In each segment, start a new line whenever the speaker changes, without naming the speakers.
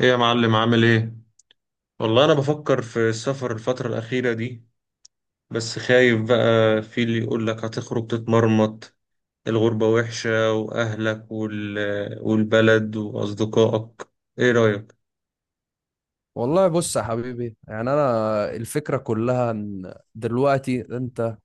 ايه يا معلم؟ عامل ايه؟ والله انا بفكر في السفر الفترة الأخيرة دي، بس خايف. بقى في اللي يقول لك هتخرج تتمرمط، الغربة وحشة وأهلك والبلد وأصدقائك. ايه رأيك؟
والله بص يا حبيبي، يعني انا الفكره كلها ان دلوقتي انت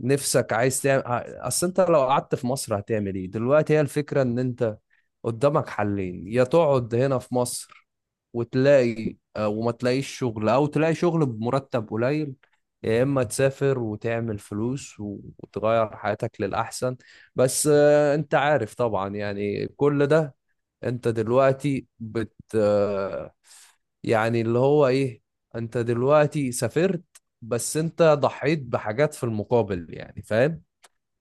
نفسك عايز تعمل. اصل انت لو قعدت في مصر هتعمل ايه دلوقتي؟ هي الفكره ان انت قدامك حلين: يا تقعد هنا في مصر وتلاقي وما تلاقيش شغل او تلاقي شغل بمرتب قليل، يا اما تسافر وتعمل فلوس وتغير حياتك للاحسن. بس انت عارف طبعا، يعني كل ده انت دلوقتي بت آه، يعني اللي هو ايه، انت دلوقتي سافرت، بس انت ضحيت بحاجات في المقابل، يعني فاهم.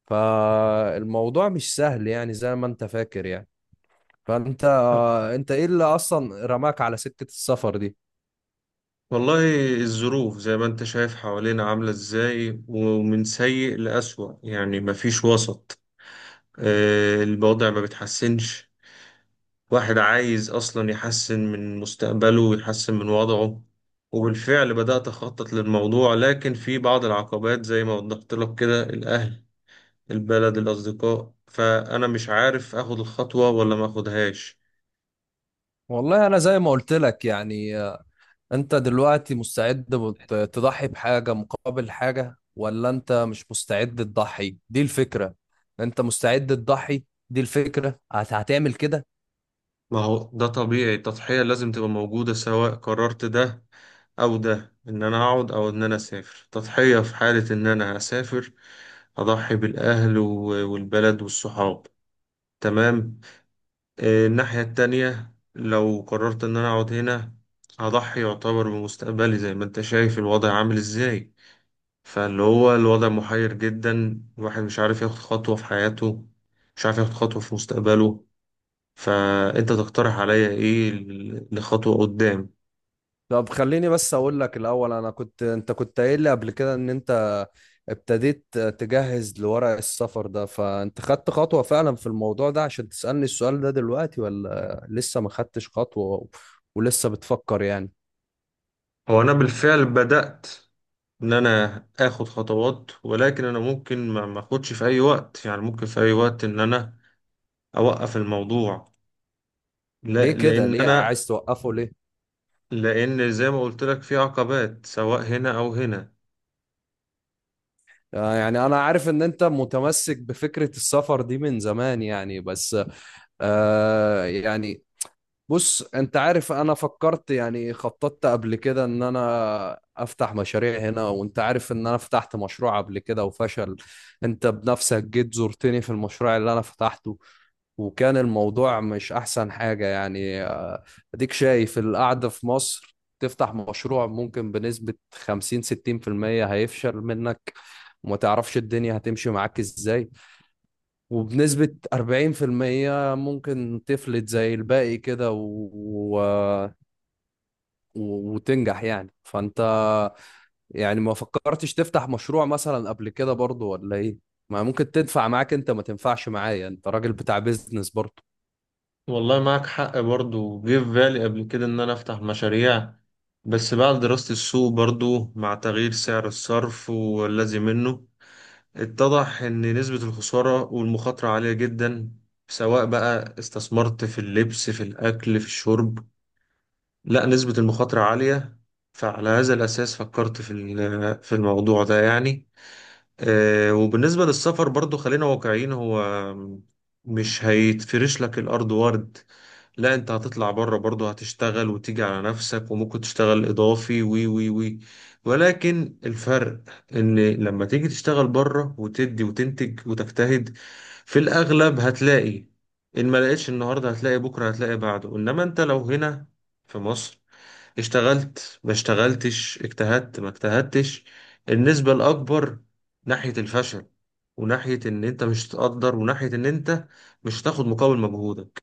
فالموضوع مش سهل يعني زي ما انت فاكر يعني. فانت
آه،
انت ايه اللي اصلا رماك على سكة السفر دي؟
والله الظروف زي ما انت شايف حوالينا عاملة ازاي، ومن سيء لأسوأ يعني، مفيش وسط. الوضع ما بيتحسنش. واحد عايز أصلا يحسن من مستقبله ويحسن من وضعه، وبالفعل بدأت أخطط للموضوع، لكن في بعض العقبات زي ما وضحت لك كده: الأهل، البلد، الأصدقاء، فأنا مش عارف أخد الخطوة ولا ما أخدهاش.
والله انا زي ما قلت لك يعني، انت دلوقتي مستعد تضحي بحاجة مقابل حاجة، ولا انت مش مستعد تضحي؟ دي الفكرة. انت مستعد تضحي، دي الفكرة هتعمل كده.
ما هو ده طبيعي، التضحية لازم تبقى موجودة سواء قررت ده أو ده، إن أنا أقعد أو إن أنا أسافر. تضحية في حالة إن أنا هسافر: أضحي بالأهل والبلد والصحاب، تمام. الناحية التانية لو قررت إن أنا أقعد هنا، هضحي يعتبر بمستقبلي زي ما أنت شايف الوضع عامل إزاي. فاللي هو الوضع محير جدا، الواحد مش عارف ياخد خطوة في حياته، مش عارف ياخد خطوة في مستقبله. فأنت تقترح عليا إيه لخطوة قدام؟
طب خليني بس اقول لك الاول، انا كنت انت كنت قايل لي قبل كده ان انت ابتديت تجهز لورق السفر ده، فانت خدت خطوة فعلا في الموضوع ده عشان تسألني السؤال ده دلوقتي، ولا لسه ما خدتش خطوة ولسه بتفكر يعني؟
هو أنا بالفعل بدأت إن أنا آخد خطوات، ولكن أنا ممكن ما أخدش في أي وقت، يعني ممكن في أي وقت إن أنا أوقف الموضوع. لا،
ليه كده؟
لأن
ليه
أنا،
عايز توقفه ليه؟
لأن زي ما قلت لك في عقبات سواء هنا أو هنا.
يعني أنا عارف إن أنت متمسك بفكرة السفر دي من زمان، يعني بس آه يعني بص انت عارف، انا فكرت، يعني خططت قبل كده ان انا افتح مشاريع هنا، وانت عارف ان انا فتحت مشروع قبل كده وفشل. انت بنفسك جيت زرتني في المشروع اللي انا فتحته، وكان الموضوع مش احسن حاجة يعني. اديك شايف القعدة في مصر، تفتح مشروع ممكن بنسبة 50 60% هيفشل منك وما تعرفش الدنيا هتمشي معاك ازاي، وبنسبة 40% ممكن تفلت زي الباقي كده و... وتنجح يعني. فأنت يعني ما فكرتش تفتح مشروع مثلا قبل كده برضو، ولا ايه؟ ما ممكن تنفع معاك، انت ما تنفعش معايا؟ انت راجل بتاع بيزنس برضو.
والله معك حق، برضو جه في بالي قبل كده إن أنا أفتح مشاريع، بس بعد دراسة السوق برضو مع تغيير سعر الصرف والذي منه، اتضح إن نسبة الخسارة والمخاطرة عالية جدا، سواء بقى استثمرت في اللبس، في الأكل، في الشرب، لا، نسبة المخاطرة عالية. فعلى هذا الأساس فكرت في في الموضوع ده يعني. وبالنسبة للسفر برضو خلينا واقعيين، هو مش هيتفرش لك الأرض ورد، لا، انت هتطلع بره برضه هتشتغل وتيجي على نفسك وممكن تشتغل اضافي وي وي وي، ولكن الفرق ان لما تيجي تشتغل بره وتدي وتنتج وتجتهد، في الاغلب هتلاقي ان ما لقيتش النهارده هتلاقي بكره، هتلاقي بعده. انما انت لو هنا في مصر، اشتغلت ما اشتغلتش، اجتهدت ما اجتهدتش، النسبة الأكبر ناحية الفشل، وناحية إن أنت مش تقدر، وناحية إن أنت مش هتاخد مقابل مجهودك.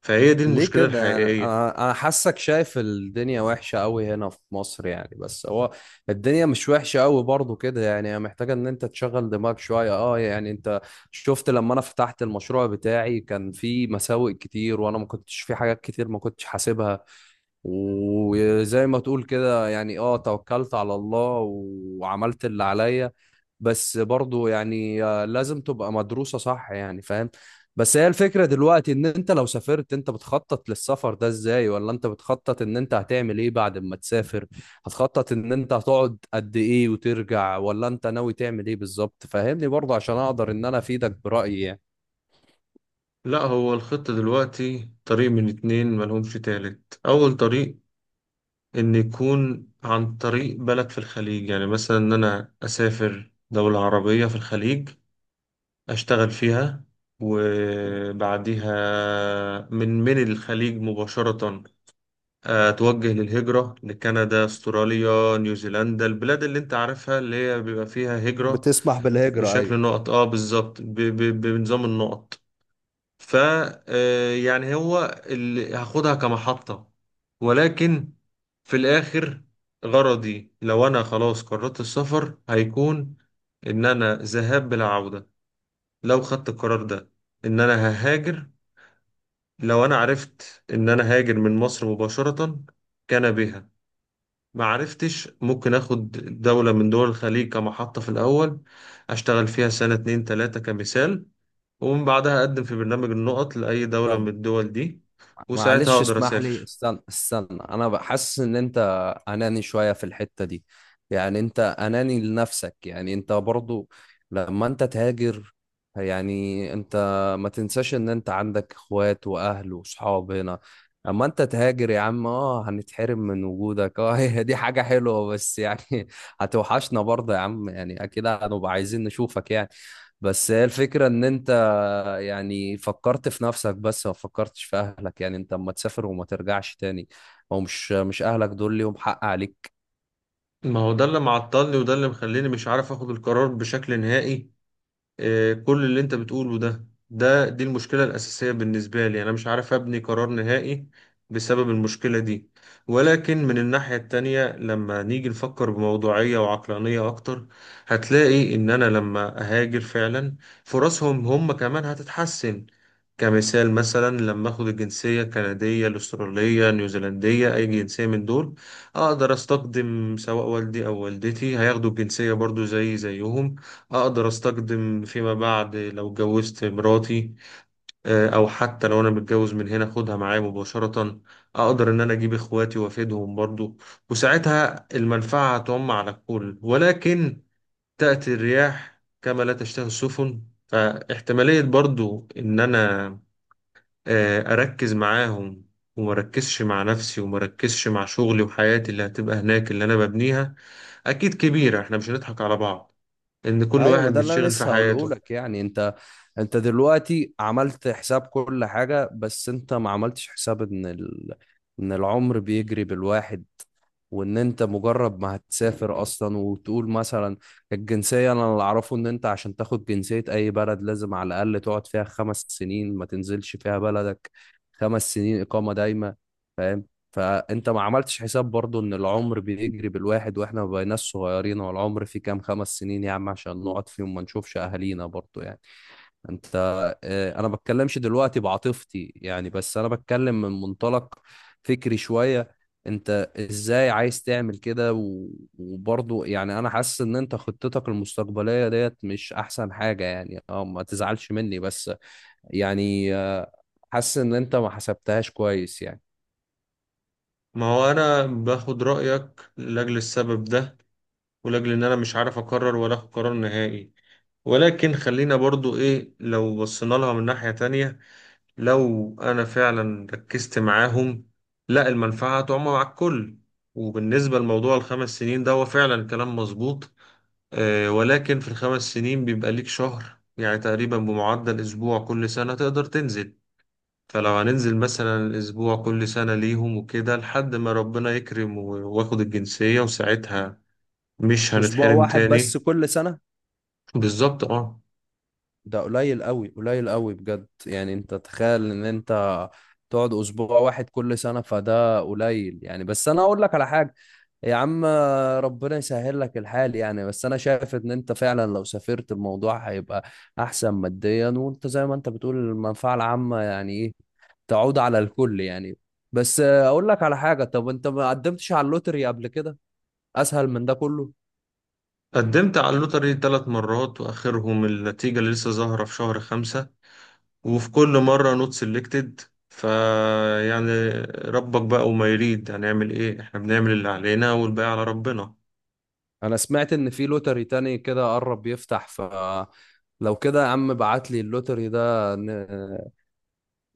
فهي دي
ليه
المشكلة
كده؟ انا
الحقيقية.
انا أنا حاسك شايف الدنيا وحشه قوي هنا في مصر يعني، بس هو الدنيا مش وحشه قوي برضو كده يعني، هي محتاجه ان انت تشغل دماغك شويه اه يعني. انت شفت لما انا فتحت المشروع بتاعي، كان في مساوئ كتير وانا ما كنتش في حاجات كتير ما كنتش حاسبها، وزي ما تقول كده يعني اه توكلت على الله وعملت اللي عليا. بس برضو يعني لازم تبقى مدروسة صح، يعني فاهم. بس هي الفكرة دلوقتي، ان انت لو سافرت انت بتخطط للسفر ده ازاي؟ ولا انت بتخطط ان انت هتعمل ايه بعد ما تسافر؟ هتخطط ان انت هتقعد قد ايه وترجع؟ ولا انت ناوي تعمل ايه بالظبط؟ فاهمني برضو عشان اقدر ان انا افيدك برأيي يعني.
لا، هو الخط دلوقتي طريق من اتنين، ملهمش تالت. أول طريق إن يكون عن طريق بلد في الخليج، يعني مثلا إن أنا أسافر دولة عربية في الخليج أشتغل فيها، وبعديها من الخليج مباشرة أتوجه للهجرة لكندا، أستراليا، نيوزيلندا، البلاد اللي أنت عارفها اللي هي بيبقى فيها هجرة
بتسمح بالهجرة، أيوة.
بشكل نقط. اه بالظبط، بنظام النقط. ف يعني هو اللي هاخدها كمحطة، ولكن في الآخر غرضي لو أنا خلاص قررت السفر هيكون إن أنا ذهاب بلا عودة. لو خدت القرار ده إن أنا ههاجر، لو أنا عرفت إن أنا هاجر من مصر مباشرة كان بها، ما عرفتش. ممكن أخد دولة من دول الخليج كمحطة في الأول، أشتغل فيها سنة 2 3 كمثال، ومن بعدها أقدم في برنامج النقط لأي دولة من
طب
الدول دي، وساعتها
معلش
أقدر
اسمح لي،
أسافر.
استنى، انا بحس ان انت اناني شوية في الحتة دي، يعني انت اناني لنفسك يعني. انت برضو لما انت تهاجر، يعني انت ما تنساش ان انت عندك اخوات واهل وصحاب هنا. اما انت تهاجر يا عم، اه هنتحرم من وجودك اه هي دي حاجة حلوة بس يعني هتوحشنا برضه يا عم يعني، اكيد هنبقى عايزين نشوفك يعني. بس هي الفكرة ان انت يعني فكرت في نفسك، بس ما فكرتش في اهلك يعني. انت اما تسافر وما ترجعش تاني، هو مش اهلك دول ليهم حق عليك؟
ما هو ده اللي معطلني، وده اللي مخليني مش عارف أخد القرار بشكل نهائي. كل اللي أنت بتقوله ده دي المشكلة الأساسية بالنسبة لي. أنا مش عارف أبني قرار نهائي بسبب المشكلة دي. ولكن من الناحية التانية لما نيجي نفكر بموضوعية وعقلانية أكتر، هتلاقي إن أنا لما أهاجر فعلا، فرصهم هم كمان هتتحسن. كمثال مثلا، لما اخد الجنسية الكندية، الاسترالية، نيوزيلندية، اي جنسية من دول، اقدر استخدم سواء والدي او والدتي هياخدوا الجنسية برضو زي زيهم. اقدر استخدم فيما بعد لو اتجوزت، مراتي او حتى لو انا متجوز من هنا اخدها معايا مباشرة. اقدر ان انا اجيب اخواتي وافيدهم برضو، وساعتها المنفعة هتعم على الكل. ولكن تأتي الرياح كما لا تشتهي السفن، فاحتمالية برضو ان انا أركز معاهم وما أركزش مع نفسي، وما أركزش مع شغلي وحياتي اللي هتبقى هناك اللي أنا ببنيها، أكيد كبيرة. إحنا مش هنضحك على بعض، إن كل
ايوه، ما
واحد
ده اللي انا
بيتشغل في
لسه هقوله
حياته.
لك يعني. انت، انت دلوقتي عملت حساب كل حاجة، بس انت ما عملتش حساب ان ان العمر بيجري بالواحد، وان انت مجرد ما هتسافر اصلا وتقول مثلا الجنسية، انا اللي اعرفه ان انت عشان تاخد جنسية اي بلد لازم على الاقل تقعد فيها خمس سنين ما تنزلش فيها بلدك. خمس سنين اقامة دايمة، فاهم. فانت ما عملتش حساب برضو ان العمر بيجري بالواحد، واحنا ما بقيناش صغيرين، والعمر فيه كام خمس سنين يا عم عشان نقعد فيهم ما نشوفش اهالينا برضو يعني. انت، اه، انا بتكلمش دلوقتي بعاطفتي يعني، بس انا بتكلم من منطلق فكري شوية. انت ازاي عايز تعمل كده وبرضه يعني انا حاسس ان انت خطتك المستقبلية ديت مش احسن حاجة يعني، اه ما تزعلش مني بس، يعني حاسس ان انت ما حسبتهاش كويس يعني.
ما هو أنا باخد رأيك لأجل السبب ده، ولأجل إن أنا مش عارف أقرر ولا أخد قرار نهائي. ولكن خلينا برضو إيه، لو بصينا لها من ناحية تانية، لو أنا فعلا ركزت معاهم، لا، المنفعة تعم مع الكل. وبالنسبة لموضوع ال5 سنين ده، هو فعلا كلام مظبوط. ولكن في ال5 سنين بيبقى ليك شهر يعني تقريبا، بمعدل أسبوع كل سنة تقدر تنزل. فلو هننزل مثلا أسبوع كل سنة ليهم وكده لحد ما ربنا يكرم واخد الجنسية، وساعتها مش
اسبوع
هنتحرم
واحد بس
تاني.
كل سنة؟
بالظبط، اه.
ده قليل قوي، قليل قوي بجد يعني، انت تخيل ان انت تقعد اسبوع واحد كل سنة؟ فده قليل يعني. بس انا اقول لك على حاجة يا عم، ربنا يسهل لك الحال يعني، بس انا شايف ان انت فعلا لو سافرت الموضوع هيبقى احسن ماديا، وانت زي ما انت بتقول المنفعة العامة يعني ايه، تعود على الكل يعني. بس اقول لك على حاجة، طب انت ما قدمتش على اللوتري قبل كده؟ اسهل من ده كله.
قدمت على اللوتري 3 مرات، وآخرهم النتيجة اللي لسه ظاهرة في شهر 5، وفي كل مرة نوت سيلكتد. فيعني ربك بقى وما يريد، هنعمل ايه، احنا بنعمل اللي علينا والباقي على ربنا.
انا سمعت ان في لوتري تاني كده قرب يفتح، ف لو كده يا عم بعت لي اللوتري ده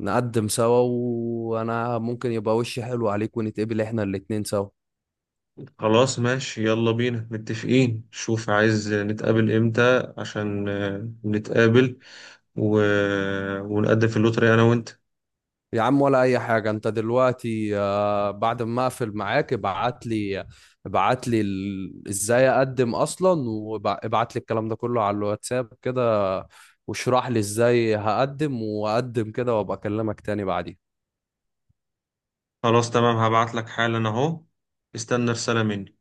نقدم سوا، وانا ممكن يبقى وشي حلو عليك ونتقبل احنا الاتنين سوا.
خلاص ماشي، يلا بينا، متفقين. شوف عايز نتقابل امتى عشان نتقابل و... ونقدم في اللوتري انا وانت.
يا عم ولا اي حاجه، انت دلوقتي بعد ما اقفل معاك ابعت لي، ابعت لي ازاي اقدم اصلا، وابعت لي الكلام ده كله على الواتساب كده، واشرح لي ازاي هقدم واقدم كده، وابقى اكلمك تاني بعدين.
خلاص تمام، هبعت لك حالا اهو، استنى رسالة مني.